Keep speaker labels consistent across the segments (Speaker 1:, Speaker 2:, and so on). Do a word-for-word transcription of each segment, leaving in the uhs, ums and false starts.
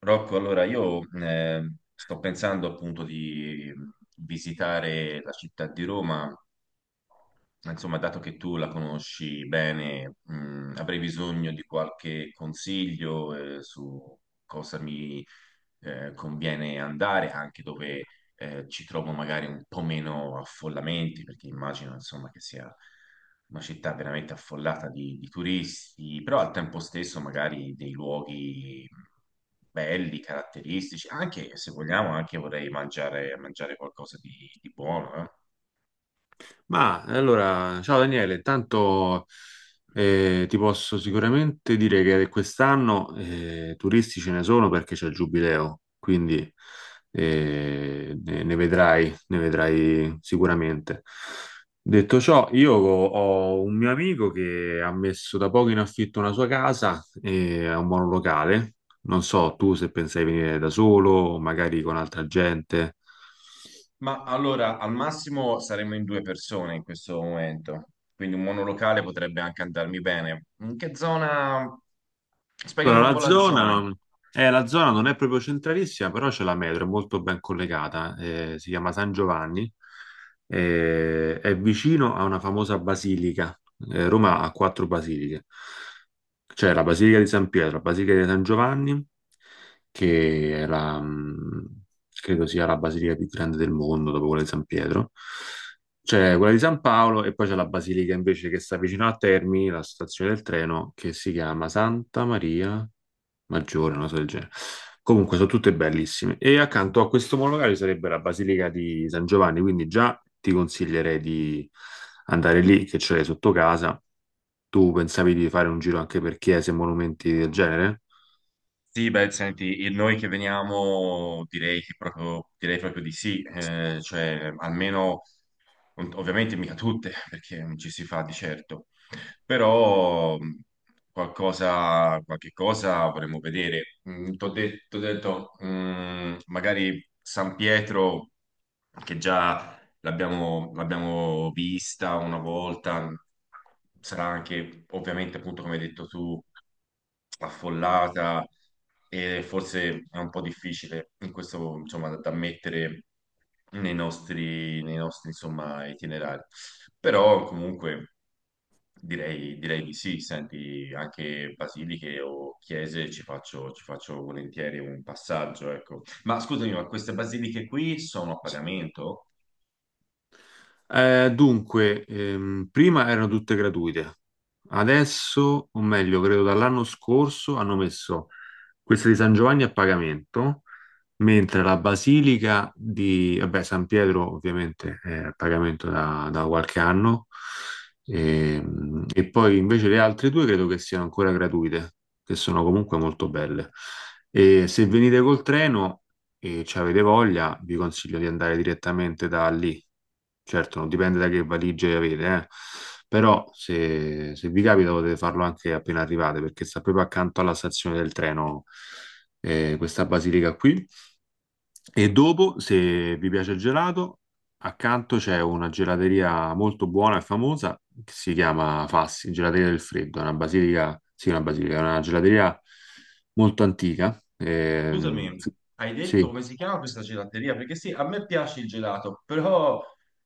Speaker 1: Rocco, allora io eh, sto pensando appunto di visitare la città di Roma, insomma, dato che tu la conosci bene, mh, avrei bisogno di qualche consiglio eh, su cosa mi eh, conviene andare anche dove eh, ci trovo magari un po' meno affollamenti, perché immagino insomma che sia una città veramente affollata di, di turisti, però al tempo stesso magari dei luoghi belli, caratteristici, anche se vogliamo, anche vorrei mangiare, mangiare qualcosa di, di buono, eh.
Speaker 2: Ma allora, ciao Daniele, tanto eh, ti posso sicuramente dire che quest'anno eh, turisti ce ne sono perché c'è il giubileo, quindi eh, ne, ne vedrai, ne vedrai sicuramente. Detto ciò, io ho ho un mio amico che ha messo da poco in affitto una sua casa e ha un monolocale. Non so tu se pensai venire da solo, magari con altra gente.
Speaker 1: Ma allora, al massimo saremo in due persone in questo momento, quindi un monolocale potrebbe anche andarmi bene. In che zona? Spiegami
Speaker 2: Allora,
Speaker 1: un po'
Speaker 2: la
Speaker 1: la zona.
Speaker 2: zona, eh, la zona non è proprio centralissima, però c'è la metro, è molto ben collegata, eh, si chiama San Giovanni, eh, è vicino a una famosa basilica. Eh, Roma ha quattro basiliche. C'è la Basilica di San Pietro, la Basilica di San Giovanni, che è la, mh, credo sia la basilica più grande del mondo dopo quella di San Pietro. C'è quella di San Paolo e poi c'è la basilica invece che sta vicino a Termini, la stazione del treno, che si chiama Santa Maria maggiore, una cosa del genere. Comunque sono tutte bellissime. E accanto a questo monologario sarebbe la Basilica di San Giovanni, quindi già ti consiglierei di andare lì, che ce l'hai sotto casa. Tu pensavi di fare un giro anche per chiese e monumenti del genere?
Speaker 1: Sì, beh, senti, il- noi che veniamo direi che proprio, direi proprio di sì, eh, cioè almeno, ov- ovviamente mica tutte, perché non ci si fa di certo, però mh, qualcosa, qualche cosa vorremmo vedere. Ti ho detto, t'ho detto, mh, magari San Pietro, che già l'abbiamo l'abbiamo vista una volta, sarà anche ovviamente appunto come hai detto tu affollata e forse è un po' difficile in questo insomma da, da mettere nei nostri, nei nostri insomma itinerari. Però comunque direi, direi di sì, senti anche basiliche o chiese ci faccio, ci faccio volentieri un passaggio, ecco. Ma scusami, ma queste basiliche qui sono a pagamento?
Speaker 2: Eh, dunque, ehm, prima erano tutte gratuite, adesso, o meglio, credo dall'anno scorso, hanno messo questa di San Giovanni a pagamento mentre la Basilica di vabbè, San Pietro ovviamente è a pagamento da, da qualche anno e, e poi invece le altre due credo che siano ancora gratuite, che sono comunque molto belle. E se venite col treno e ci avete voglia, vi consiglio di andare direttamente da lì. Certo, non dipende da che valigie avete, eh. Però se, se vi capita potete farlo anche appena arrivate, perché sta proprio accanto alla stazione del treno, eh, questa basilica qui. E dopo, se vi piace il gelato, accanto c'è una gelateria molto buona e famosa che si chiama Fassi, Gelateria del Freddo, è una basilica, sì, una basilica, è una gelateria molto antica. ehm,
Speaker 1: Scusami,
Speaker 2: sì,
Speaker 1: hai detto
Speaker 2: sì.
Speaker 1: come si chiama questa gelateria? Perché sì, a me piace il gelato, però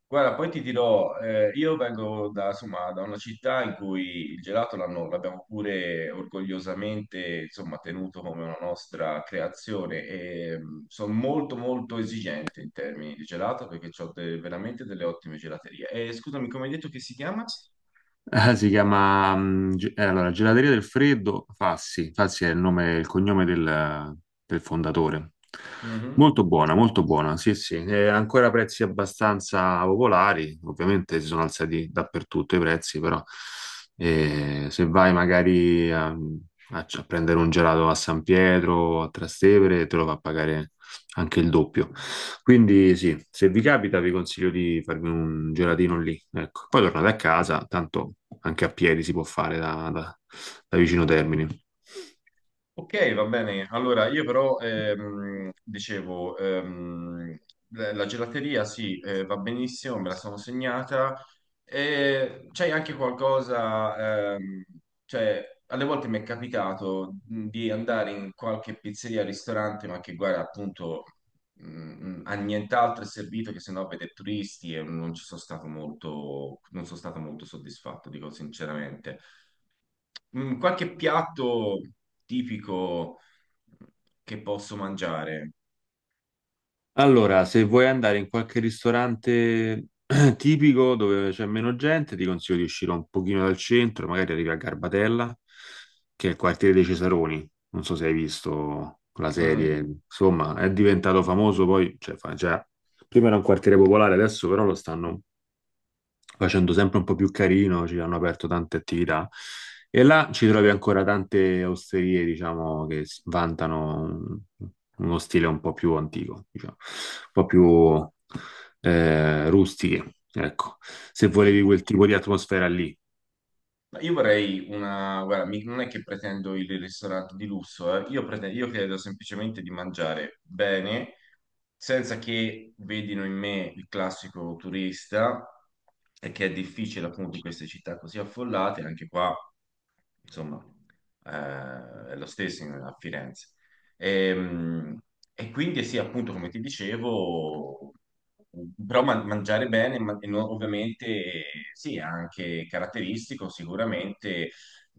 Speaker 1: guarda, poi ti dirò, eh, io vengo da, insomma, da una città in cui il gelato l'hanno- l'abbiamo pure orgogliosamente, insomma, tenuto come una nostra creazione e sono molto molto esigente in termini di gelato perché ho veramente delle ottime gelaterie. E scusami, come hai detto che si chiama?
Speaker 2: Eh, si chiama mm, ge- eh, allora, Gelateria del Freddo Fassi. Fassi è il nome, il cognome del, del fondatore.
Speaker 1: Mhm.
Speaker 2: Molto buona, molto buona, sì, sì. Eh, ancora prezzi abbastanza popolari. Ovviamente si sono alzati dappertutto i prezzi, però eh, se vai magari a, a- a prendere un gelato a San Pietro, a Trastevere, te lo fa pagare anche il doppio. Quindi sì, se vi capita vi consiglio di farvi un gelatino lì. Ecco. Poi tornate a casa, tanto anche a piedi si può fare da, da- da vicino Termini.
Speaker 1: Ok, va bene. Allora, io però ehm, dicevo, ehm, la la gelateria sì, eh, va benissimo, me la sono segnata. E c'è anche qualcosa, ehm, cioè, alle volte mi è capitato mh, di andare in qualche pizzeria, ristorante, ma che guarda, appunto, mh, a nient'altro è servito che se no vede turisti e non ci sono stato molto, non sono stato molto soddisfatto, dico sinceramente. Mm, Qualche piatto tipico che posso mangiare?
Speaker 2: Allora, se vuoi andare in qualche ristorante tipico dove c'è meno gente, ti consiglio di uscire un pochino dal centro, magari arrivi a Garbatella, che è il quartiere dei Cesaroni. Non so se hai visto la
Speaker 1: Mm,
Speaker 2: serie, insomma, è diventato famoso poi, cioè, fa- cioè, prima era un quartiere popolare, adesso però lo stanno facendo sempre un po' più carino, ci hanno aperto tante attività e là ci trovi ancora tante osterie, diciamo, che s- vantano un- uno stile un po' più antico, diciamo, un po' più eh, rustiche, ecco, se
Speaker 1: sì.
Speaker 2: volevi quel tipo di atmosfera lì.
Speaker 1: Ma Io vorrei una. Guarda, mi- non è che pretendo il ristorante di lusso, eh. Io, prete- io credo semplicemente di mangiare bene, senza che vedino in me il classico turista, e che è difficile appunto in queste città così affollate, anche qua insomma, eh, è lo stesso in- a Firenze. E, mm, e quindi sì, appunto, come ti dicevo, però man- mangiare bene, ma- e no- ovviamente, eh, sì, è anche caratteristico, sicuramente,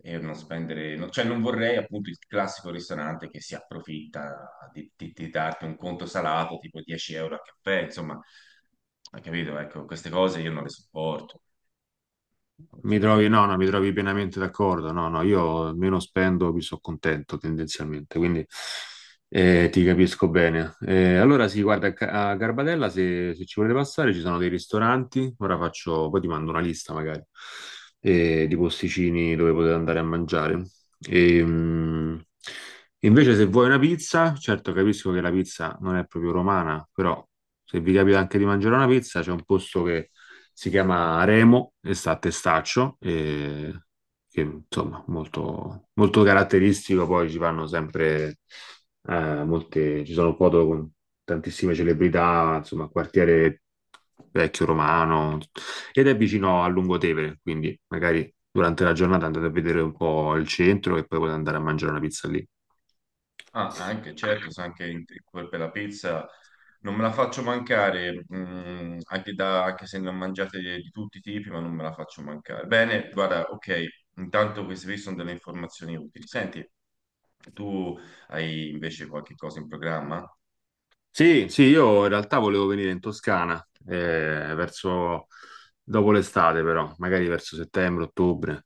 Speaker 1: e non spendere, no- cioè non vorrei appunto il classico ristorante che si approfitta di, di- di darti un conto salato tipo dieci euro a caffè, insomma, hai capito? Ecco, queste cose io non le sopporto, non
Speaker 2: Mi
Speaker 1: so te.
Speaker 2: trovi, no, no, mi trovi pienamente d'accordo. No, no, io meno spendo, più sono contento tendenzialmente, quindi eh, ti capisco bene. Eh, allora sì, guarda, a Ca- a Garbatella, se, se ci volete passare, ci sono dei ristoranti. Ora faccio, poi ti mando una lista magari eh, di posticini dove potete andare a mangiare. E, mh, invece, se vuoi una pizza, certo capisco che la pizza non è proprio romana, però se vi capita anche di mangiare una pizza, c'è un posto che si chiama Remo e sta a Testaccio, e che insomma molto, molto caratteristico. Poi ci fanno sempre eh, molte, ci sono foto con tantissime celebrità, insomma, quartiere vecchio romano ed è vicino a Lungotevere, quindi magari durante la giornata andate a vedere un po' il centro e poi potete andare a mangiare una pizza lì.
Speaker 1: Ah, anche, certo, sa anche in- in- per la pizza non me la faccio mancare, mm, anche, da- anche se ne ho mangiate di, di tutti i tipi, ma non me la faccio mancare. Bene, guarda, ok, intanto queste qui sono delle informazioni utili. Senti, tu hai invece qualche cosa in programma?
Speaker 2: Sì, sì, io in realtà volevo venire in Toscana, eh, verso dopo l'estate, però, magari verso settembre, ottobre.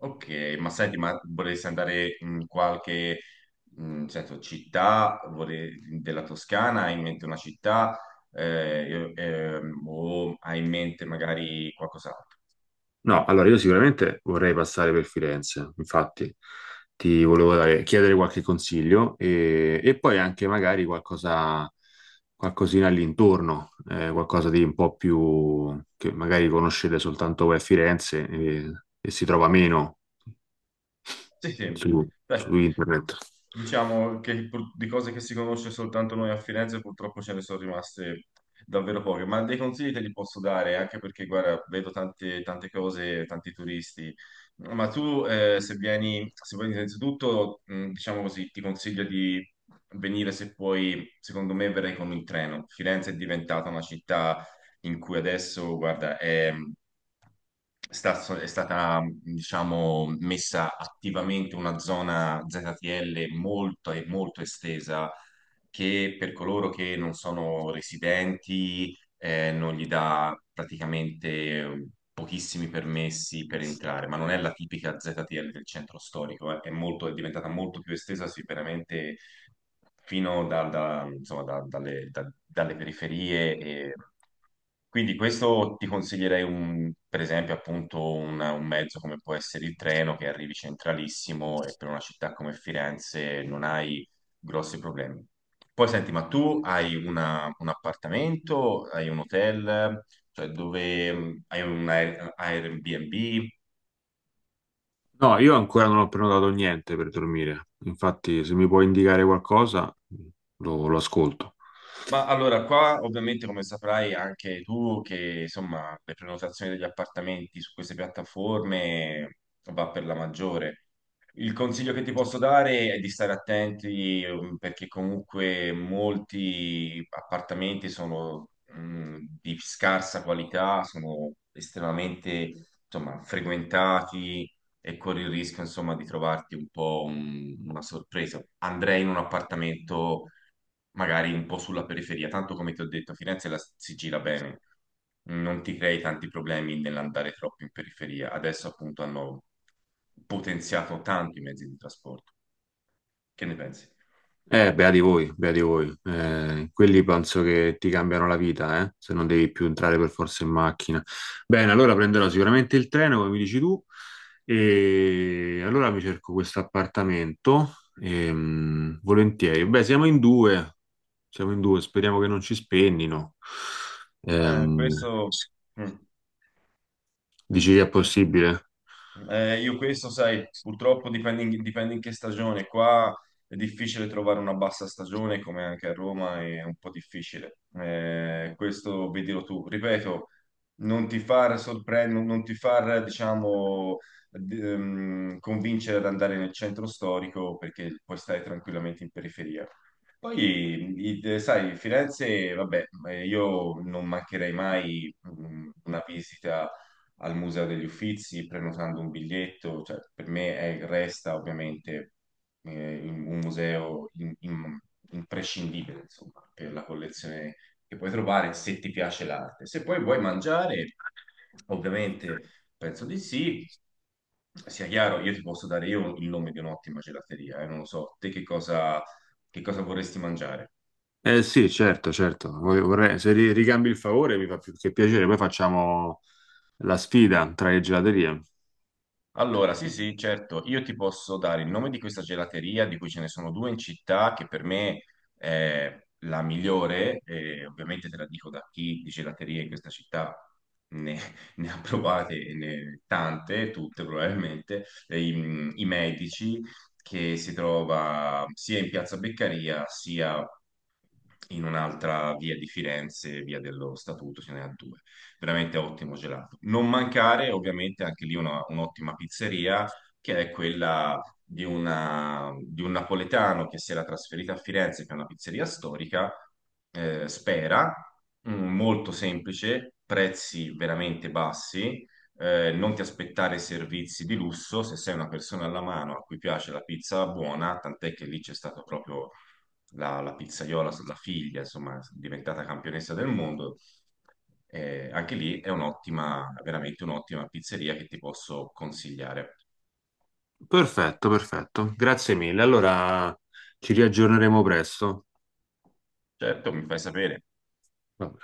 Speaker 1: Ok, ma senti, ma vorresti andare in qualche, mm, senso, città vorrei- della Toscana? Hai in mente una città? Eh, io- ehm, o hai in mente magari qualcos'altro?
Speaker 2: No, allora io sicuramente vorrei passare per Firenze, infatti ti volevo dare- chiedere qualche consiglio e, e poi anche magari qualcosa, qualcosina all'intorno, eh, qualcosa di un po' più che magari conoscete soltanto voi a Firenze e, e si trova meno
Speaker 1: Sì, sì.
Speaker 2: su
Speaker 1: Beh,
Speaker 2: su internet.
Speaker 1: diciamo che pur- di cose che si conosce soltanto noi a Firenze purtroppo ce ne sono rimaste davvero poche, ma dei consigli te li posso dare, anche perché, guarda, vedo tante, tante cose, tanti turisti, ma tu eh, se vieni, se vieni innanzitutto, mh, diciamo così, ti consiglio di venire se puoi, secondo me verrai con il treno. Firenze è diventata una città in cui adesso, guarda, è è sta- so, è stata, diciamo, messa attivamente una zona Z T L molto e molto estesa che per coloro che non sono residenti eh, non gli dà praticamente eh, pochissimi permessi per entrare, ma non è la tipica Z T L del centro storico, eh. È molto- è diventata molto più estesa sicuramente fino da- da- insomma, da- dalle, da- dalle periferie. E. Quindi questo ti consiglierei, un- per esempio, appunto una- un mezzo come può essere il treno, che arrivi centralissimo e per una città come Firenze non hai grossi problemi. Poi senti, ma tu hai una- un appartamento, hai un hotel, cioè dove hai un Air- Airbnb?
Speaker 2: No, io ancora non ho prenotato niente per dormire. Infatti, se mi puoi indicare qualcosa, lo, lo ascolto.
Speaker 1: Ma allora, qua ovviamente come saprai anche tu che insomma le prenotazioni degli appartamenti su queste piattaforme eh, va per la maggiore. Il consiglio che ti posso dare è di stare attenti ehm, perché comunque molti appartamenti sono mh, di scarsa qualità, sono estremamente insomma, frequentati e corri il rischio insomma, di trovarti un po' un- una sorpresa. Andrei in un appartamento magari un po' sulla periferia, tanto come ti ho detto, Firenze la si gira bene, non ti crei tanti problemi nell'andare troppo in periferia. Adesso appunto hanno potenziato tanto i mezzi di trasporto. Che ne pensi?
Speaker 2: Eh, beati voi, beati voi. Eh, quelli penso che ti cambiano la vita, eh, se non devi più entrare per forza in macchina. Bene, allora prenderò sicuramente il treno, come mi dici tu, e allora mi cerco questo appartamento. ehm, volentieri. Beh, siamo in due, siamo in due, speriamo che non ci spennino.
Speaker 1: Eh,
Speaker 2: Ehm,
Speaker 1: questo, mm.
Speaker 2: dici che è possibile?
Speaker 1: Eh, io questo, sai, purtroppo dipende in, dipende in che stagione. Qua è difficile trovare una bassa stagione, come anche a Roma è un po' difficile. Eh, questo vedilo tu. Ripeto, non ti far sorprendere, non ti far, diciamo, d- ehm, convincere ad andare nel centro storico perché puoi stare tranquillamente in periferia. Poi, i- sai, Firenze, vabbè, eh, io non mancherei mai mm, una visita al Museo degli Uffizi prenotando un biglietto, cioè, per me è- resta ovviamente eh, in- un museo in- in- imprescindibile, insomma, per la collezione che puoi trovare se ti piace l'arte. Se poi vuoi mangiare, ovviamente penso di sì. Sia chiaro, io ti posso dare io il nome di un'ottima gelateria, eh, non lo so, te che cosa che cosa vorresti mangiare?
Speaker 2: Eh sì, certo, certo. Vorrei- vorrei- se ri- ricambi il favore mi fa più che piacere. Poi facciamo la sfida tra le gelaterie.
Speaker 1: Allora, sì, sì, certo, io ti posso dare il nome di questa gelateria, di cui ce ne sono due in città, che per me è la migliore, e ovviamente te la dico da chi di gelaterie in questa città ne, ne ha provate e ne- tante, tutte probabilmente, e i, i Medici, che si trova sia in Piazza Beccaria, sia in un'altra via di Firenze, via dello Statuto, ce ne ha due. veramente ottimo gelato. Non mancare ovviamente anche lì una- un'ottima pizzeria che è quella di, una- di un napoletano che si era trasferito a Firenze, che è una pizzeria storica, eh, Spera, mm, molto semplice, prezzi veramente bassi. Eh, non ti aspettare servizi di lusso se sei una persona alla mano a cui piace la pizza buona, tant'è che lì c'è stato proprio la, la pizzaiola, la figlia, insomma, diventata campionessa del mondo. Eh, anche lì è un'ottima, veramente un'ottima pizzeria che ti posso consigliare.
Speaker 2: Perfetto, perfetto. Grazie mille. Allora ci riaggiorneremo presto.
Speaker 1: Certo, mi fai sapere.
Speaker 2: Vabbè.